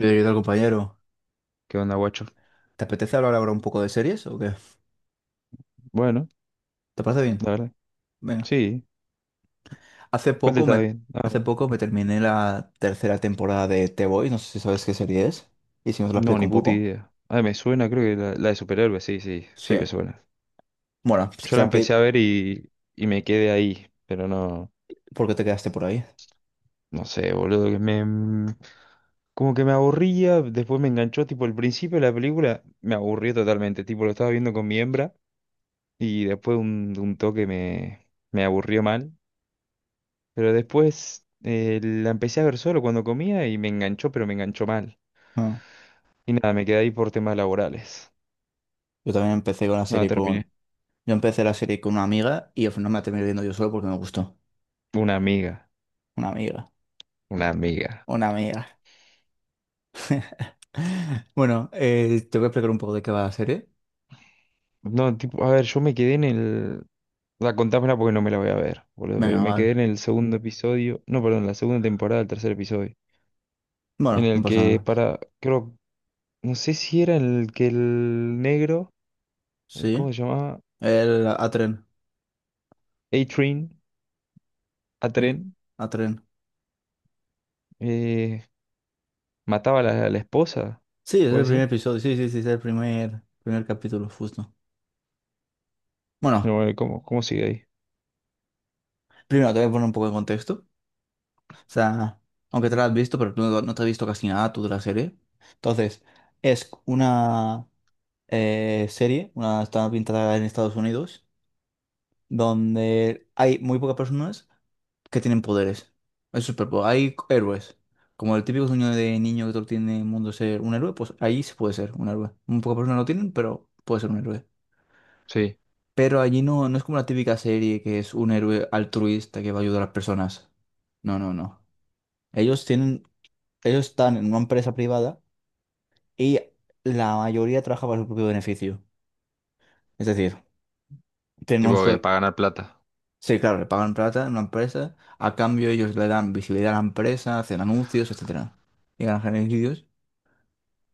¿Qué tal, compañero? ¿Qué onda, guacho? ¿Te apetece hablar ahora un poco de series o qué? Bueno, ¿Te parece bien? la verdad. Venga. Sí, Hace aparte poco está me, bien. Ah, hace bueno. poco me terminé la tercera temporada de The Boys. No sé si sabes qué serie es. Y si no te la No, explico ni un puta poco. idea. Ah, me suena, creo que la de superhéroes, sí, sí, Sí. sí me suena. Bueno, si Yo te la la empecé explico, a ver y me quedé ahí, pero no, ¿por qué te quedaste por ahí? no sé, boludo, como que me aburría, después me enganchó, tipo, el principio de la película me aburrió totalmente, tipo, lo estaba viendo con mi hembra y después de un toque me aburrió mal, pero después la empecé a ver solo cuando comía y me enganchó, pero me enganchó mal. Ah. Y nada, me quedé ahí por temas laborales. Yo también empecé con la Nada, serie con... terminé. Yo empecé la serie con una amiga y al final me la terminé viendo yo solo porque me gustó. Una amiga, Una amiga. una amiga. Una amiga. Bueno, te voy a explicar un poco de qué va la serie. No, tipo, a ver, yo me quedé en el... La contámela porque no me la voy a ver, boludo, pero Venga, me quedé en vale. el segundo episodio, no, perdón, la segunda temporada, el tercer episodio, en Bueno, no el pasa que nada. para, creo, no sé si era en el que el negro, Sí. ¿cómo se llamaba? El Atren. A-Train, Mi- A-Tren, A tren. eh, mataba a la esposa, Sí, es el ¿puede primer ser? episodio. Sí, sí, sí, es el primer capítulo, justo. Bueno, No, bueno, ¿cómo, cómo sigue ahí? primero te voy a poner un poco de contexto. O sea, aunque te lo has visto, pero tú no te has visto casi nada tú de la serie. Entonces, es una serie, una está pintada en Estados Unidos, donde hay muy pocas personas que tienen poderes. Hay héroes. Como el típico sueño de niño que todo tiene en el mundo ser un héroe, pues ahí se puede ser un héroe. Muy pocas personas lo tienen, pero puede ser un héroe. Sí, Pero allí no es como la típica serie que es un héroe altruista que va a ayudar a las personas. No, no, no. Ellos tienen, ellos están en una empresa privada y la mayoría trabaja para su propio beneficio. Es decir, tienen un tipo que sueldo. para ganar plata. Sí, claro, le pagan plata en una empresa, a cambio ellos le dan visibilidad a la empresa, hacen anuncios, etcétera. Y ganan beneficios.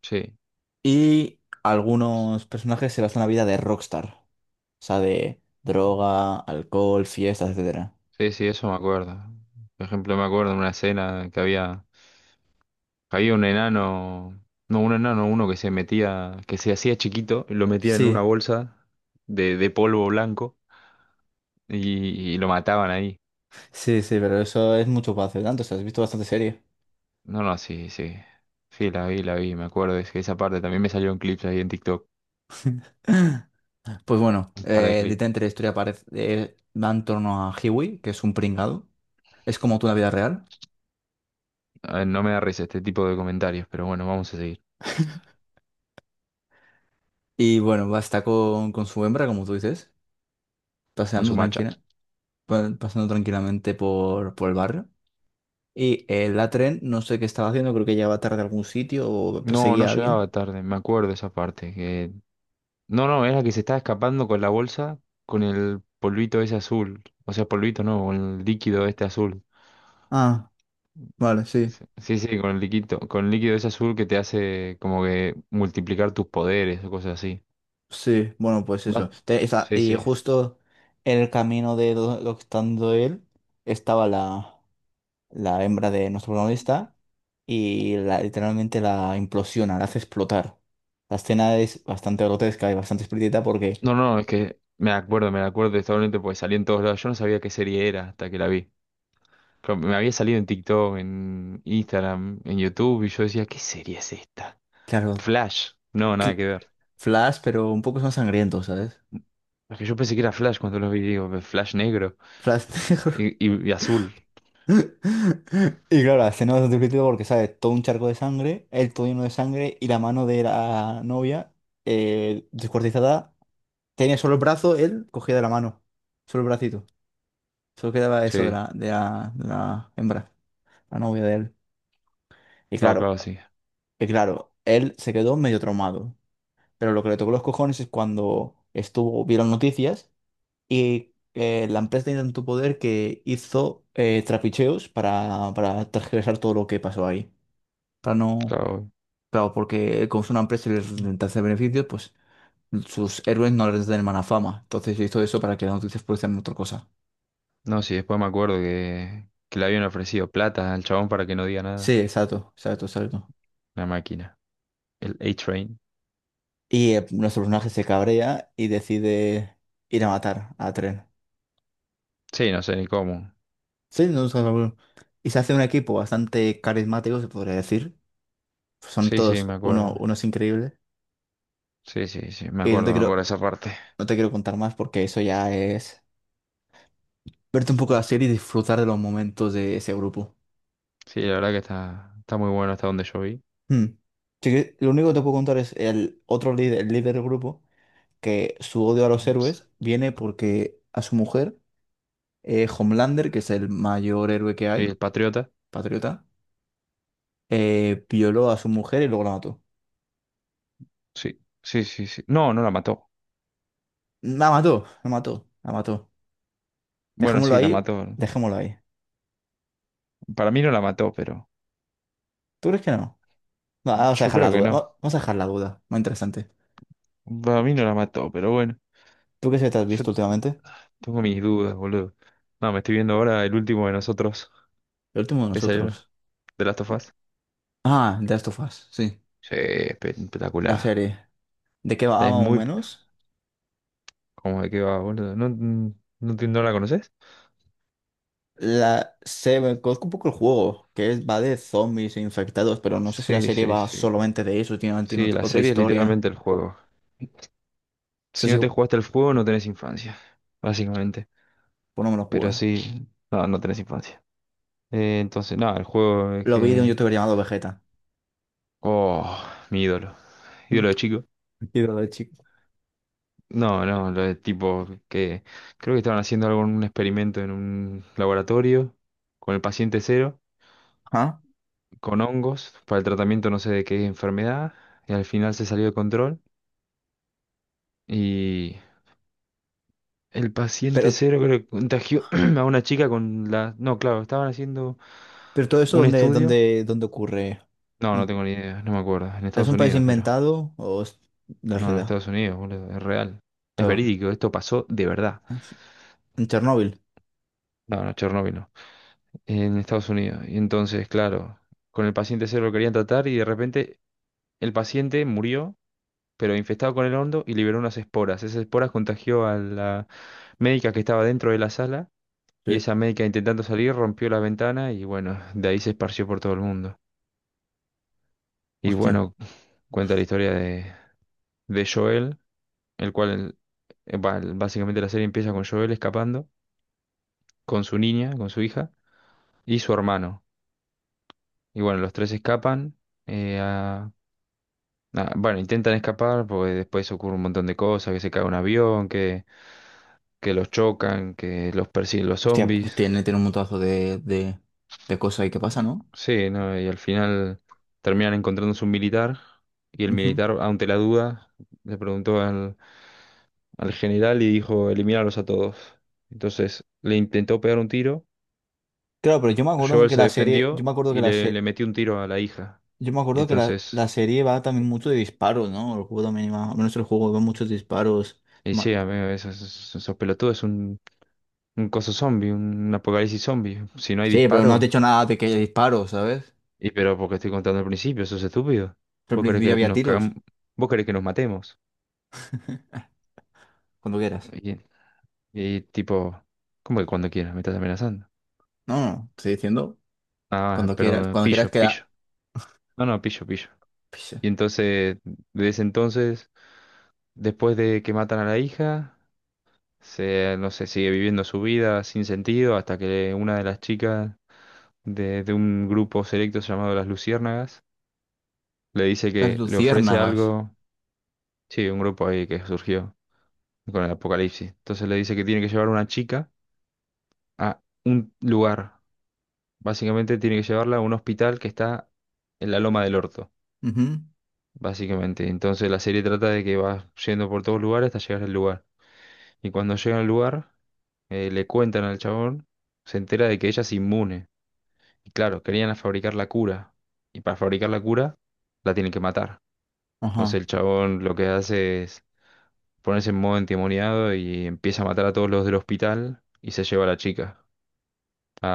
Sí. Y algunos personajes se basan la vida de rockstar. O sea, de droga, alcohol, fiestas, etcétera. Sí, sí, eso me acuerdo. Por ejemplo, me acuerdo en una escena que había un enano, no, un enano, uno que se metía, que se hacía chiquito, lo metían en una Sí. bolsa de polvo blanco y lo mataban ahí. Sí, sí, pero eso es mucho para hacer tanto, o sea, has visto bastante serie. No, no, sí, sí. Sí, la vi, me acuerdo. Es que esa parte también me salió en clips ahí en TikTok, Pues bueno, un par de clips. literalmente la historia parece, va en torno a Hiwi, que es un pringado. Es como tú en la vida real. A ver, no me da risa este tipo de comentarios, pero bueno, vamos a seguir Y bueno, va a estar con su hembra, como tú dices, con su paseando macha. tranquila, pasando tranquilamente por el barrio. Y la tren, no sé qué estaba haciendo, creo que llegaba tarde a algún sitio o No, no perseguía a alguien. llegaba tarde, me acuerdo esa parte. Que no, no, es la que se estaba escapando con la bolsa, con el polvito ese azul. O sea, polvito no, con el líquido este azul. Ah, vale, sí. Sí, sí, sí, con el líquido ese azul que te hace como que multiplicar tus poderes o cosas así. Sí, bueno, pues eso. Va- Sí, Y sí. justo en el camino de lo que está dando él estaba la hembra de nuestro protagonista y literalmente la implosiona, la hace explotar. La escena es bastante grotesca y bastante explícita porque, No, no, es que me acuerdo totalmente porque salí en todos lados. Yo no sabía qué serie era hasta que la vi. Claro, me había salido en TikTok, en Instagram, en YouTube y yo decía, ¿qué serie es esta? claro, Flash. No, nada cl- que ver. Flash, pero un poco más sangriento, ¿sabes? Es que yo pensé que era Flash cuando lo vi, digo, Flash negro. Flash negro. Y azul, Y claro, la escena es bastante explícita porque, ¿sabes? Todo un charco de sangre, el todo lleno de sangre y la mano de la novia descuartizada. Tenía solo el brazo, él cogía de la mano. Solo el bracito. Solo quedaba eso de sí, de la hembra, la novia de él. Y claro, claro, claro, sí, y claro, él se quedó medio traumado. Pero lo que le tocó los cojones es cuando estuvo, vieron noticias y la empresa tenía tanto poder que hizo trapicheos para tergiversar todo lo que pasó ahí. Para no. claro. Claro, porque como es una empresa y les intenta hacer beneficios, pues sus héroes no les den mala fama. Entonces hizo eso para que las noticias fuesen otra cosa. No, sí, después me acuerdo que le habían ofrecido plata al chabón para que no diga nada. Sí, exacto, exacto, exacto. La máquina, el A-Train. Y nuestro personaje se cabrea y decide ir a matar a Tren. Sí, no sé ni cómo. Sí, no es algo. Y se hace un equipo bastante carismático, se podría decir. Son Sí, sí, me todos acuerdo. unos increíbles. Sí, sí, sí, Y me acuerdo esa parte. no te quiero contar más porque eso ya es verte un poco la serie y disfrutar de los momentos de ese grupo. Sí, la verdad que está, está muy bueno hasta donde yo vi. Hmm. Sí que lo único que te puedo contar es el otro líder, el líder del grupo, que su odio a los Sí, héroes viene porque a su mujer, Homelander, que es el mayor héroe que hay, el Patriota. patriota, violó a su mujer y luego la mató. Sí, sí, sí, sí. No, no la mató. La mató, la mató, la mató. Bueno, Dejémoslo sí, la ahí, mató. dejémoslo ahí. Para mí no la mató, pero ¿Tú crees que no? Va, vamos a yo dejar la creo que duda, no. Vamos a dejar la duda. Muy interesante. Para mí no la mató, pero bueno. ¿Tú qué serie te has Yo visto últimamente? tengo mis dudas, boludo. No, me estoy viendo ahora El Último de Nosotros. El último de ¿Te salió? nosotros. ¿De Last of Us? Ah, The Last of Us, sí. Sí, La espectacular. serie. ¿De qué va Es más o muy... menos? ¿Cómo de qué va, boludo? ¿No, no, no la conoces? La se me conozco un poco el juego, que es, va de zombies e infectados, pero no sé si la Sí, serie sí, va sí. solamente de eso, tiene Sí, la otra serie es historia. literalmente No el juego. sé Si si no pues, te jugaste el juego, no tenés infancia, básicamente. no me lo Pero jugué. sí, no, no tenés infancia. Entonces, nada, el juego es Lo vi de un que... youtuber llamado Vegeta. Oh, mi ídolo. Ídolo de chico. Y todo chico. No, no, lo de tipo que creo que estaban haciendo algún experimento en un laboratorio con el paciente cero, Ajá. con hongos, para el tratamiento no sé de qué enfermedad, y al final se salió de control y el Pero, paciente cero creo que contagió a una chica con la... No, claro, estaban haciendo pero todo eso, un estudio. Dónde ocurre? No, no ¿En- tengo ni idea, no me acuerdo, en ¿Es Estados un país Unidos, pero... inventado o es de No, en realidad? Estados Unidos, boludo, es real. Es Todo. verídico, esto pasó de verdad. ¿En Chernóbil? No, no, Chernóbil no. En Estados Unidos. Y entonces, claro, con el paciente cero lo querían tratar y de repente el paciente murió, pero infectado con el hondo y liberó unas esporas. Esas esporas contagió a la médica que estaba dentro de la sala y Sí. esa médica intentando salir rompió la ventana y bueno, de ahí se esparció por todo el mundo. Y Hostia. bueno, cuenta la historia de Joel, el cual, básicamente la serie empieza con Joel escapando con su niña, con su hija y su hermano. Y bueno, los tres escapan. eh, a- Ah, bueno, intentan escapar porque después ocurre un montón de cosas, que se cae un avión, que los chocan, que los persiguen los Hostia, pues zombies. tiene, tiene un montazo de cosas ahí que pasa, ¿no? Sí, ¿no? Y al final terminan encontrándose un militar y el Ujú. militar, ante la duda, le preguntó al general y dijo, eliminarlos a todos. Entonces le intentó pegar un tiro, Claro, pero yo me acuerdo Joel que se la serie, defendió y le metió un tiro a la hija. yo me Y acuerdo que entonces, la serie va también mucho de disparos, ¿no? El juego también va, al menos el juego va muchos disparos. y Ma- sí, amigo, esos pelotudos es un coso zombie, un apocalipsis zombie. Si no hay Sí, pero no has dicho disparos. nada de que haya disparos, ¿sabes? Y pero porque estoy contando al principio, eso es estúpido. Pero al ¿Vos querés principio que había nos tiros, cagamos? ¿Vos querés que nos matemos? cuando quieras. Y, y tipo, ¿cómo que cuando quieras? Me estás amenazando. No, estoy diciendo Ah, perdón, cuando quieras pillo, queda. pillo. No, no, pillo, pillo. Pisa. Y entonces, desde entonces, después de que matan a la hija, se, no sé, sigue viviendo su vida sin sentido hasta que una de las chicas de un grupo selecto llamado Las Luciérnagas le dice Las que le ofrece luciérnagas. algo, sí, un grupo ahí que surgió con el apocalipsis. Entonces le dice que tiene que llevar a una chica a un lugar. Básicamente tiene que llevarla a un hospital que está en la Loma del Orto, Ujú, básicamente. Entonces la serie trata de que va yendo por todos lugares hasta llegar al lugar. Y cuando llega al lugar, le cuentan al chabón, se entera de que ella es inmune. Y claro, querían fabricar la cura. Y para fabricar la cura, la tienen que matar. ajá. Entonces el chabón lo que hace es ponerse en modo endemoniado y empieza a matar a todos los del hospital y se lleva a la chica. a,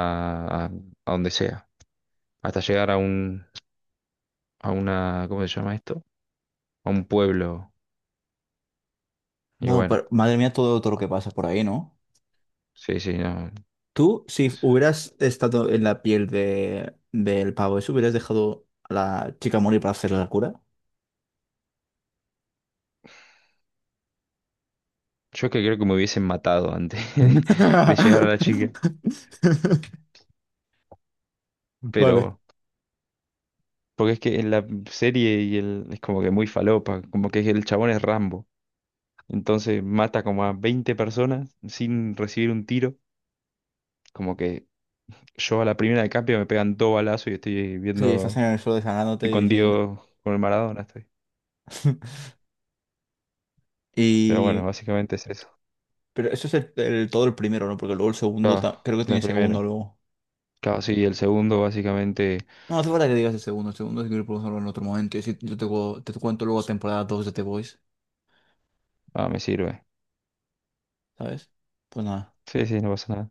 a- a donde sea, hasta llegar a un, a una, ¿cómo se llama esto? A un pueblo. Y Wow, bueno, pero madre mía, todo, todo lo que pasa por ahí, ¿no? sí, sí, no. Tú, si hubieras estado en la piel del pavo, ¿eso hubieras dejado a la chica morir para hacerle la cura? Yo es que creo que me hubiesen matado antes de llegar a la chica, Vale. pero porque es que en la serie es como que muy falopa, como que el chabón es Rambo, entonces mata como a 20 personas sin recibir un tiro, como que yo a la primera de cambio me pegan dos balazos y estoy Sí, estás viendo, en el suelo desangrándote estoy y con diciendo. Diego, con el Maradona estoy. Pero bueno, Y. básicamente es eso. Pero eso es todo el primero, ¿no? Porque luego el segundo, Ah, creo que la tiene segundo primera. luego. Claro, sí, el segundo básicamente No hace falta que digas el segundo. El segundo es que lo podemos hablar en otro momento. Y si yo te cuento luego temporada 2 de The Voice, ah, me sirve. ¿sabes? Pues nada. Sí, sí, no pasa nada.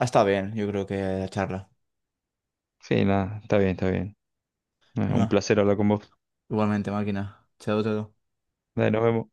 Ah, está bien, yo creo que la charla. Sí, nada, está bien, está bien. Un Venga, placer hablar con vos. igualmente, máquina. Chao, chao. Dale, nos vemos.